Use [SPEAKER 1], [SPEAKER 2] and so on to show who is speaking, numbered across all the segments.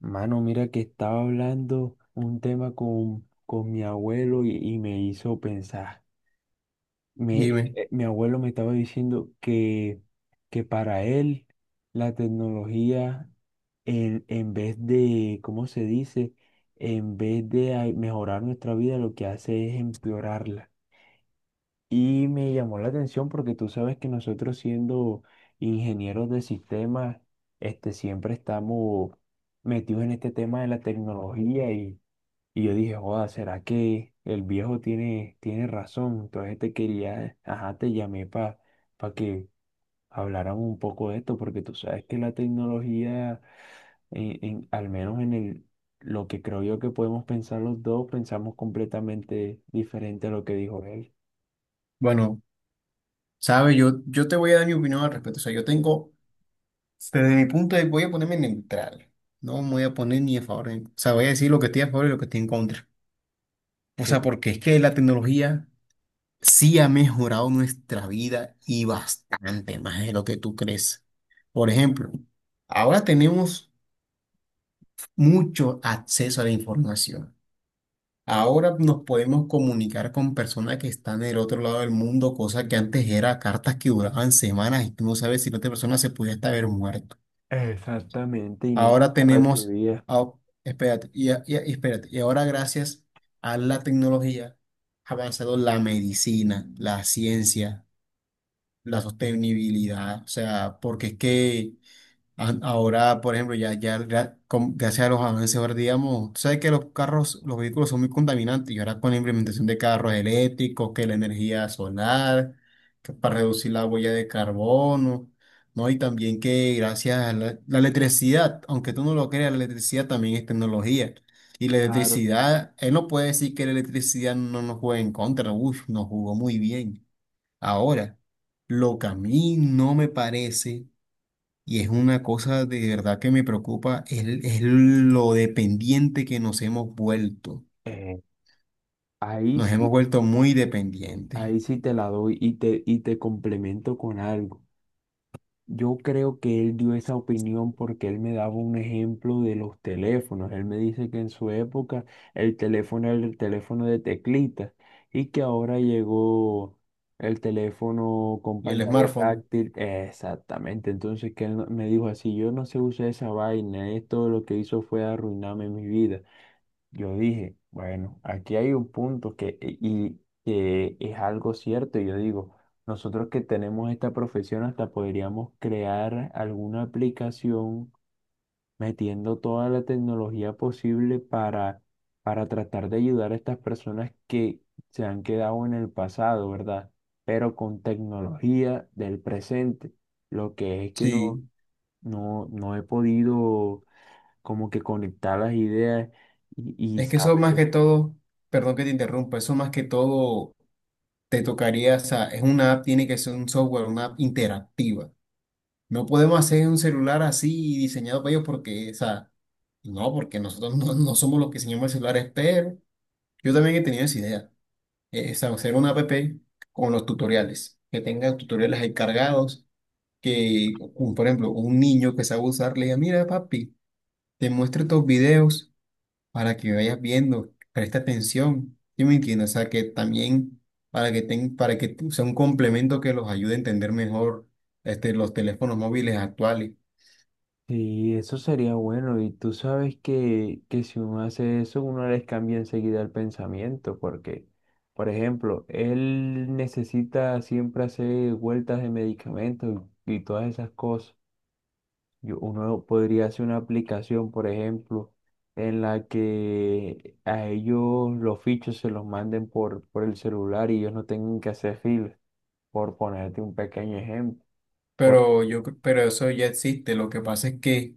[SPEAKER 1] Mano, mira que estaba hablando un tema con mi abuelo y me hizo pensar.
[SPEAKER 2] Dime,
[SPEAKER 1] Mi abuelo me estaba diciendo que para él la tecnología, en vez de, ¿cómo se dice? En vez de mejorar nuestra vida, lo que hace es empeorarla. Y me llamó la atención porque tú sabes que nosotros siendo ingenieros de sistemas, este, siempre estamos metidos en este tema de la tecnología y yo dije, joda, ¿será que el viejo tiene razón? Entonces te quería, ajá, te llamé para que habláramos un poco de esto porque tú sabes que la tecnología, al menos en el, lo que creo yo que podemos pensar los dos, pensamos completamente diferente a lo que dijo él.
[SPEAKER 2] bueno, sabes, yo te voy a dar mi opinión al respecto. O sea, yo tengo, desde mi punto de voy a ponerme neutral. No me voy a poner ni a favor, o sea, voy a decir lo que estoy a favor y lo que estoy en contra. O sea,
[SPEAKER 1] Sí.
[SPEAKER 2] porque es que la tecnología sí ha mejorado nuestra vida y bastante más de lo que tú crees. Por ejemplo, ahora tenemos mucho acceso a la información. Ahora nos podemos comunicar con personas que están en el otro lado del mundo, cosa que antes era cartas que duraban semanas y tú no sabes si la otra persona se pudiera hasta haber muerto.
[SPEAKER 1] Exactamente, y nunca
[SPEAKER 2] Ahora
[SPEAKER 1] la
[SPEAKER 2] tenemos,
[SPEAKER 1] recibías,
[SPEAKER 2] ah, Espérate, y ahora gracias a la tecnología ha avanzado la medicina, la ciencia, la sostenibilidad. O sea, porque es que ahora, por ejemplo, ya, ya, gracias a los avances, ahora digamos, tú sabes que los carros, los vehículos son muy contaminantes, y ahora con la implementación de carros eléctricos, que la energía solar, que para reducir la huella de carbono, ¿no? Y también que gracias a la electricidad, aunque tú no lo creas, la electricidad también es tecnología. Y la
[SPEAKER 1] claro.
[SPEAKER 2] electricidad, él no puede decir que la electricidad no nos juega en contra. Uff, nos jugó muy bien. Ahora, lo que a mí no me parece y es una cosa de verdad que me preocupa, es lo dependiente que nos hemos vuelto.
[SPEAKER 1] Eh, ahí
[SPEAKER 2] Nos hemos
[SPEAKER 1] sí,
[SPEAKER 2] vuelto muy dependientes.
[SPEAKER 1] ahí sí te la doy y te complemento con algo. Yo creo que él dio esa opinión porque él me daba un ejemplo de los teléfonos. Él me dice que en su época el teléfono era el teléfono de teclitas y que ahora llegó el teléfono con
[SPEAKER 2] Y el
[SPEAKER 1] pantalla
[SPEAKER 2] smartphone.
[SPEAKER 1] táctil. Exactamente, entonces que él no- me dijo así, yo no sé usar esa vaina, esto lo que hizo fue arruinarme mi vida. Yo dije, bueno, aquí hay un punto que es algo cierto. Y Yo digo, nosotros que tenemos esta profesión hasta podríamos crear alguna aplicación metiendo toda la tecnología posible para tratar de ayudar a estas personas que se han quedado en el pasado, ¿verdad? Pero con tecnología del presente. Lo que es que
[SPEAKER 2] Sí,
[SPEAKER 1] no he podido como que conectar las ideas y
[SPEAKER 2] es que eso más
[SPEAKER 1] saber.
[SPEAKER 2] que todo, perdón que te interrumpa, eso más que todo te tocaría, o sea, es una app, tiene que ser un software, una app interactiva. No podemos hacer un celular así diseñado para ellos porque, o sea, no, porque nosotros no somos los que diseñamos el celular, pero yo también he tenido esa idea. Hacer una app con los tutoriales, que tenga tutoriales ahí cargados, que, por ejemplo, un niño que sabe usar, le diga: mira, papi, te muestro estos videos para que vayas viendo, presta atención. ¿Sí me entiendes? O sea, que también para que sea un complemento que los ayude a entender mejor, este, los teléfonos móviles actuales.
[SPEAKER 1] Sí, eso sería bueno. Y tú sabes que si uno hace eso, uno les cambia enseguida el pensamiento, porque, por ejemplo, él necesita siempre hacer vueltas de medicamentos y todas esas cosas. Uno podría hacer una aplicación, por ejemplo, en la que a ellos los fichos se los manden por el celular y ellos no tengan que hacer filas, por ponerte un pequeño ejemplo. Por,
[SPEAKER 2] Pero eso ya existe. Lo que pasa es que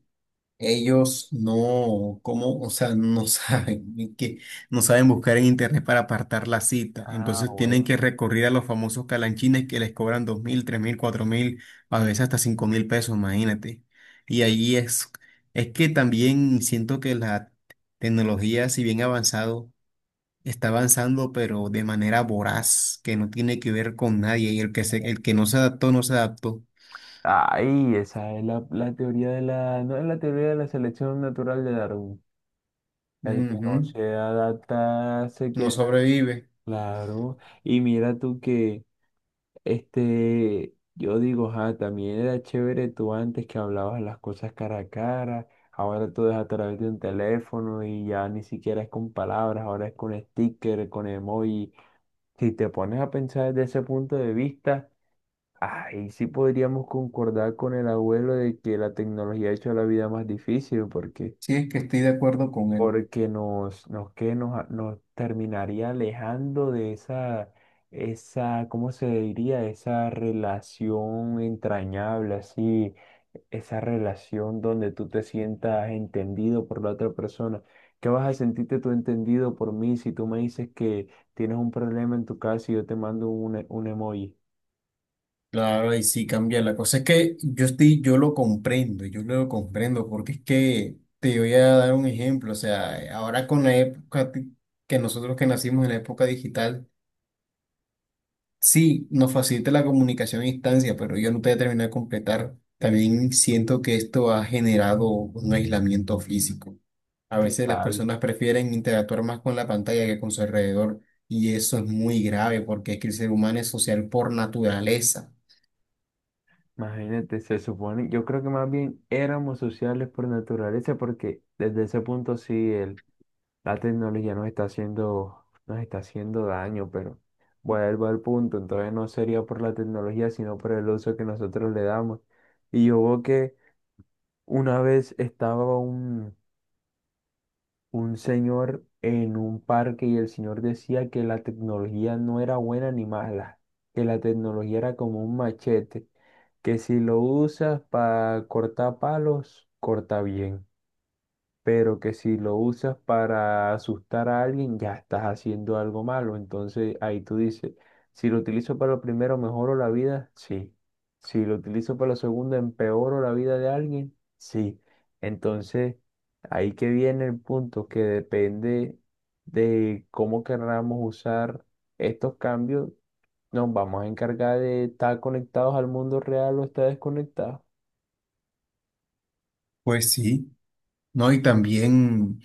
[SPEAKER 2] ellos no, ¿cómo? O sea, no saben, es que no saben buscar en internet para apartar la cita.
[SPEAKER 1] ah,
[SPEAKER 2] Entonces tienen
[SPEAKER 1] bueno.
[SPEAKER 2] que recurrir a los famosos calanchines que les cobran 2.000, 3.000, 4.000, a veces hasta 5.000 pesos, imagínate. Y ahí es que también siento que la tecnología, si bien ha avanzado, está avanzando, pero de manera voraz, que no tiene que ver con nadie. Y el que no se adaptó, no se adaptó.
[SPEAKER 1] Ay, esa es la, la teoría de la, no es la teoría de la selección natural de Darwin. El que no
[SPEAKER 2] Ujú.
[SPEAKER 1] se adapta se
[SPEAKER 2] No
[SPEAKER 1] queda,
[SPEAKER 2] sobrevive.
[SPEAKER 1] claro. Y mira tú que, este, yo digo, ah, también era chévere tú antes que hablabas las cosas cara a cara. Ahora todo es a través de un teléfono y ya ni siquiera es con palabras, ahora es con sticker, con emoji. Si te pones a pensar desde ese punto de vista. Ahí sí podríamos concordar con el abuelo de que la tecnología ha hecho la vida más difícil, porque,
[SPEAKER 2] Sí, es que estoy de acuerdo con él.
[SPEAKER 1] porque nos, nos, que nos, a- nos terminaría alejando de esa, ¿cómo se diría? Esa relación entrañable, así, esa relación donde tú te sientas entendido por la otra persona. ¿Qué vas a sentirte tú entendido por mí si tú me dices que tienes un problema en tu casa y yo te mando un emoji?
[SPEAKER 2] Claro, ahí sí cambia. La cosa es que yo lo comprendo, porque es que te voy a dar un ejemplo. O sea, ahora con la época que nosotros que nacimos en la época digital, sí, nos facilita la comunicación a distancia, pero yo no te voy a terminar de completar. También siento que esto ha generado un aislamiento físico. A veces las
[SPEAKER 1] Total.
[SPEAKER 2] personas prefieren interactuar más con la pantalla que con su alrededor, y eso es muy grave porque es que el ser humano es social por naturaleza.
[SPEAKER 1] Imagínate, se supone, yo creo que más bien éramos sociales por naturaleza, porque desde ese punto sí la tecnología nos está haciendo daño, pero vuelvo al punto, entonces no sería por la tecnología, sino por el uso que nosotros le damos. Y yo veo que una vez estaba un señor en un parque y el señor decía que la tecnología no era buena ni mala, que la tecnología era como un machete, que si lo usas para cortar palos, corta bien, pero que si lo usas para asustar a alguien, ya estás haciendo algo malo. Entonces ahí tú dices, si lo utilizo para lo primero, mejoro la vida, sí. Si lo utilizo para lo segundo, empeoro la vida de alguien, sí. Entonces ahí que viene el punto que depende de cómo querramos usar estos cambios, nos vamos a encargar de estar conectados al mundo real o estar desconectados.
[SPEAKER 2] Pues sí. No, y también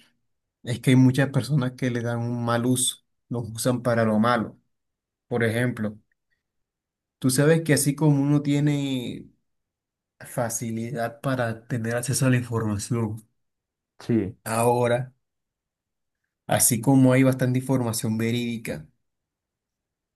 [SPEAKER 2] es que hay muchas personas que le dan un mal uso, los usan para lo malo. Por ejemplo, tú sabes que así como uno tiene facilidad para tener acceso a la información,
[SPEAKER 1] Sí.
[SPEAKER 2] ahora, así como hay bastante información verídica,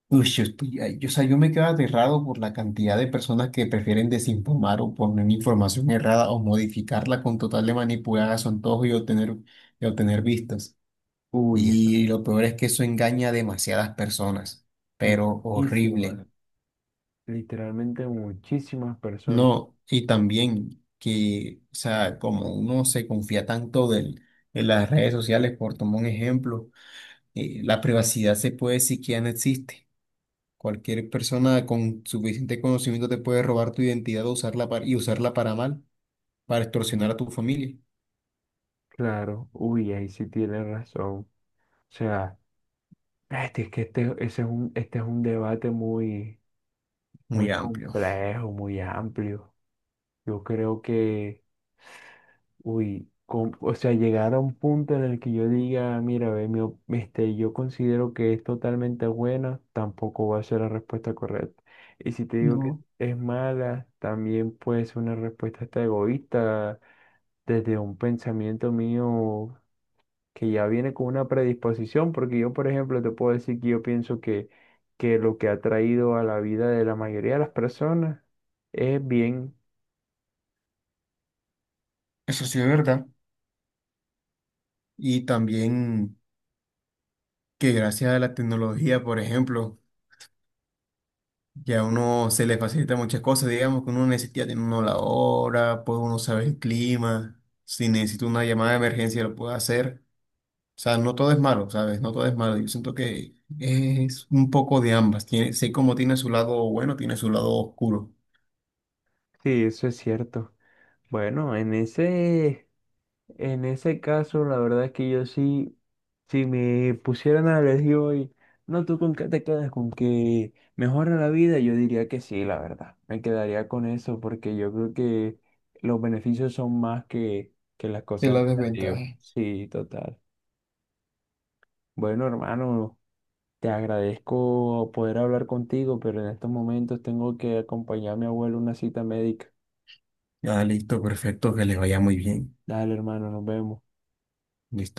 [SPEAKER 2] uy, yo estoy, ay, yo, o sea, yo me quedo aterrado por la cantidad de personas que prefieren desinformar o poner información errada o modificarla con total de manipular a su antojo y obtener vistas.
[SPEAKER 1] Uy, está
[SPEAKER 2] Y lo peor es que eso engaña a demasiadas personas, pero
[SPEAKER 1] muchísimo.
[SPEAKER 2] horrible.
[SPEAKER 1] Literalmente muchísimas personas.
[SPEAKER 2] No, y también que, o sea, como uno se confía tanto del, en las redes sociales, por tomar un ejemplo, la privacidad se puede decir que ya no existe. Cualquier persona con suficiente conocimiento te puede robar tu identidad o y usarla para mal, para extorsionar a tu familia.
[SPEAKER 1] Claro, uy, ahí sí tiene razón. O sea, ese es este es un debate muy, muy
[SPEAKER 2] Muy amplio.
[SPEAKER 1] complejo, muy amplio. Yo creo que, uy, o sea, llegar a un punto en el que yo diga, mira, ve, yo considero que es totalmente buena, tampoco va a ser la respuesta correcta. Y si te digo que
[SPEAKER 2] No,
[SPEAKER 1] es mala, también puede ser una respuesta hasta egoísta desde un pensamiento mío que ya viene con una predisposición, porque yo, por ejemplo, te puedo decir que yo pienso que lo que ha traído a la vida de la mayoría de las personas es bien.
[SPEAKER 2] eso sí es verdad. Y también que gracias a la tecnología, por ejemplo, ya a uno se le facilita muchas cosas, digamos que uno necesita tener uno la hora, puede uno saber el clima, si necesita una llamada de emergencia lo puede hacer. O sea, no todo es malo, ¿sabes? No todo es malo. Yo siento que es un poco de ambas. Tiene, sé cómo tiene su lado bueno, tiene su lado oscuro.
[SPEAKER 1] Sí, eso es cierto. Bueno, en ese caso, la verdad es que yo sí, si me pusieran a elegir hoy, no, tú con qué te quedas, con que mejora la vida, yo diría que sí, la verdad. Me quedaría con eso, porque yo creo que los beneficios son más que las
[SPEAKER 2] Es
[SPEAKER 1] cosas
[SPEAKER 2] la
[SPEAKER 1] negativas.
[SPEAKER 2] desventaja.
[SPEAKER 1] Sí, total. Bueno, hermano, te agradezco poder hablar contigo, pero en estos momentos tengo que acompañar a mi abuelo a una cita médica.
[SPEAKER 2] Ah, listo, perfecto, que les vaya muy bien.
[SPEAKER 1] Dale, hermano, nos vemos.
[SPEAKER 2] Listo.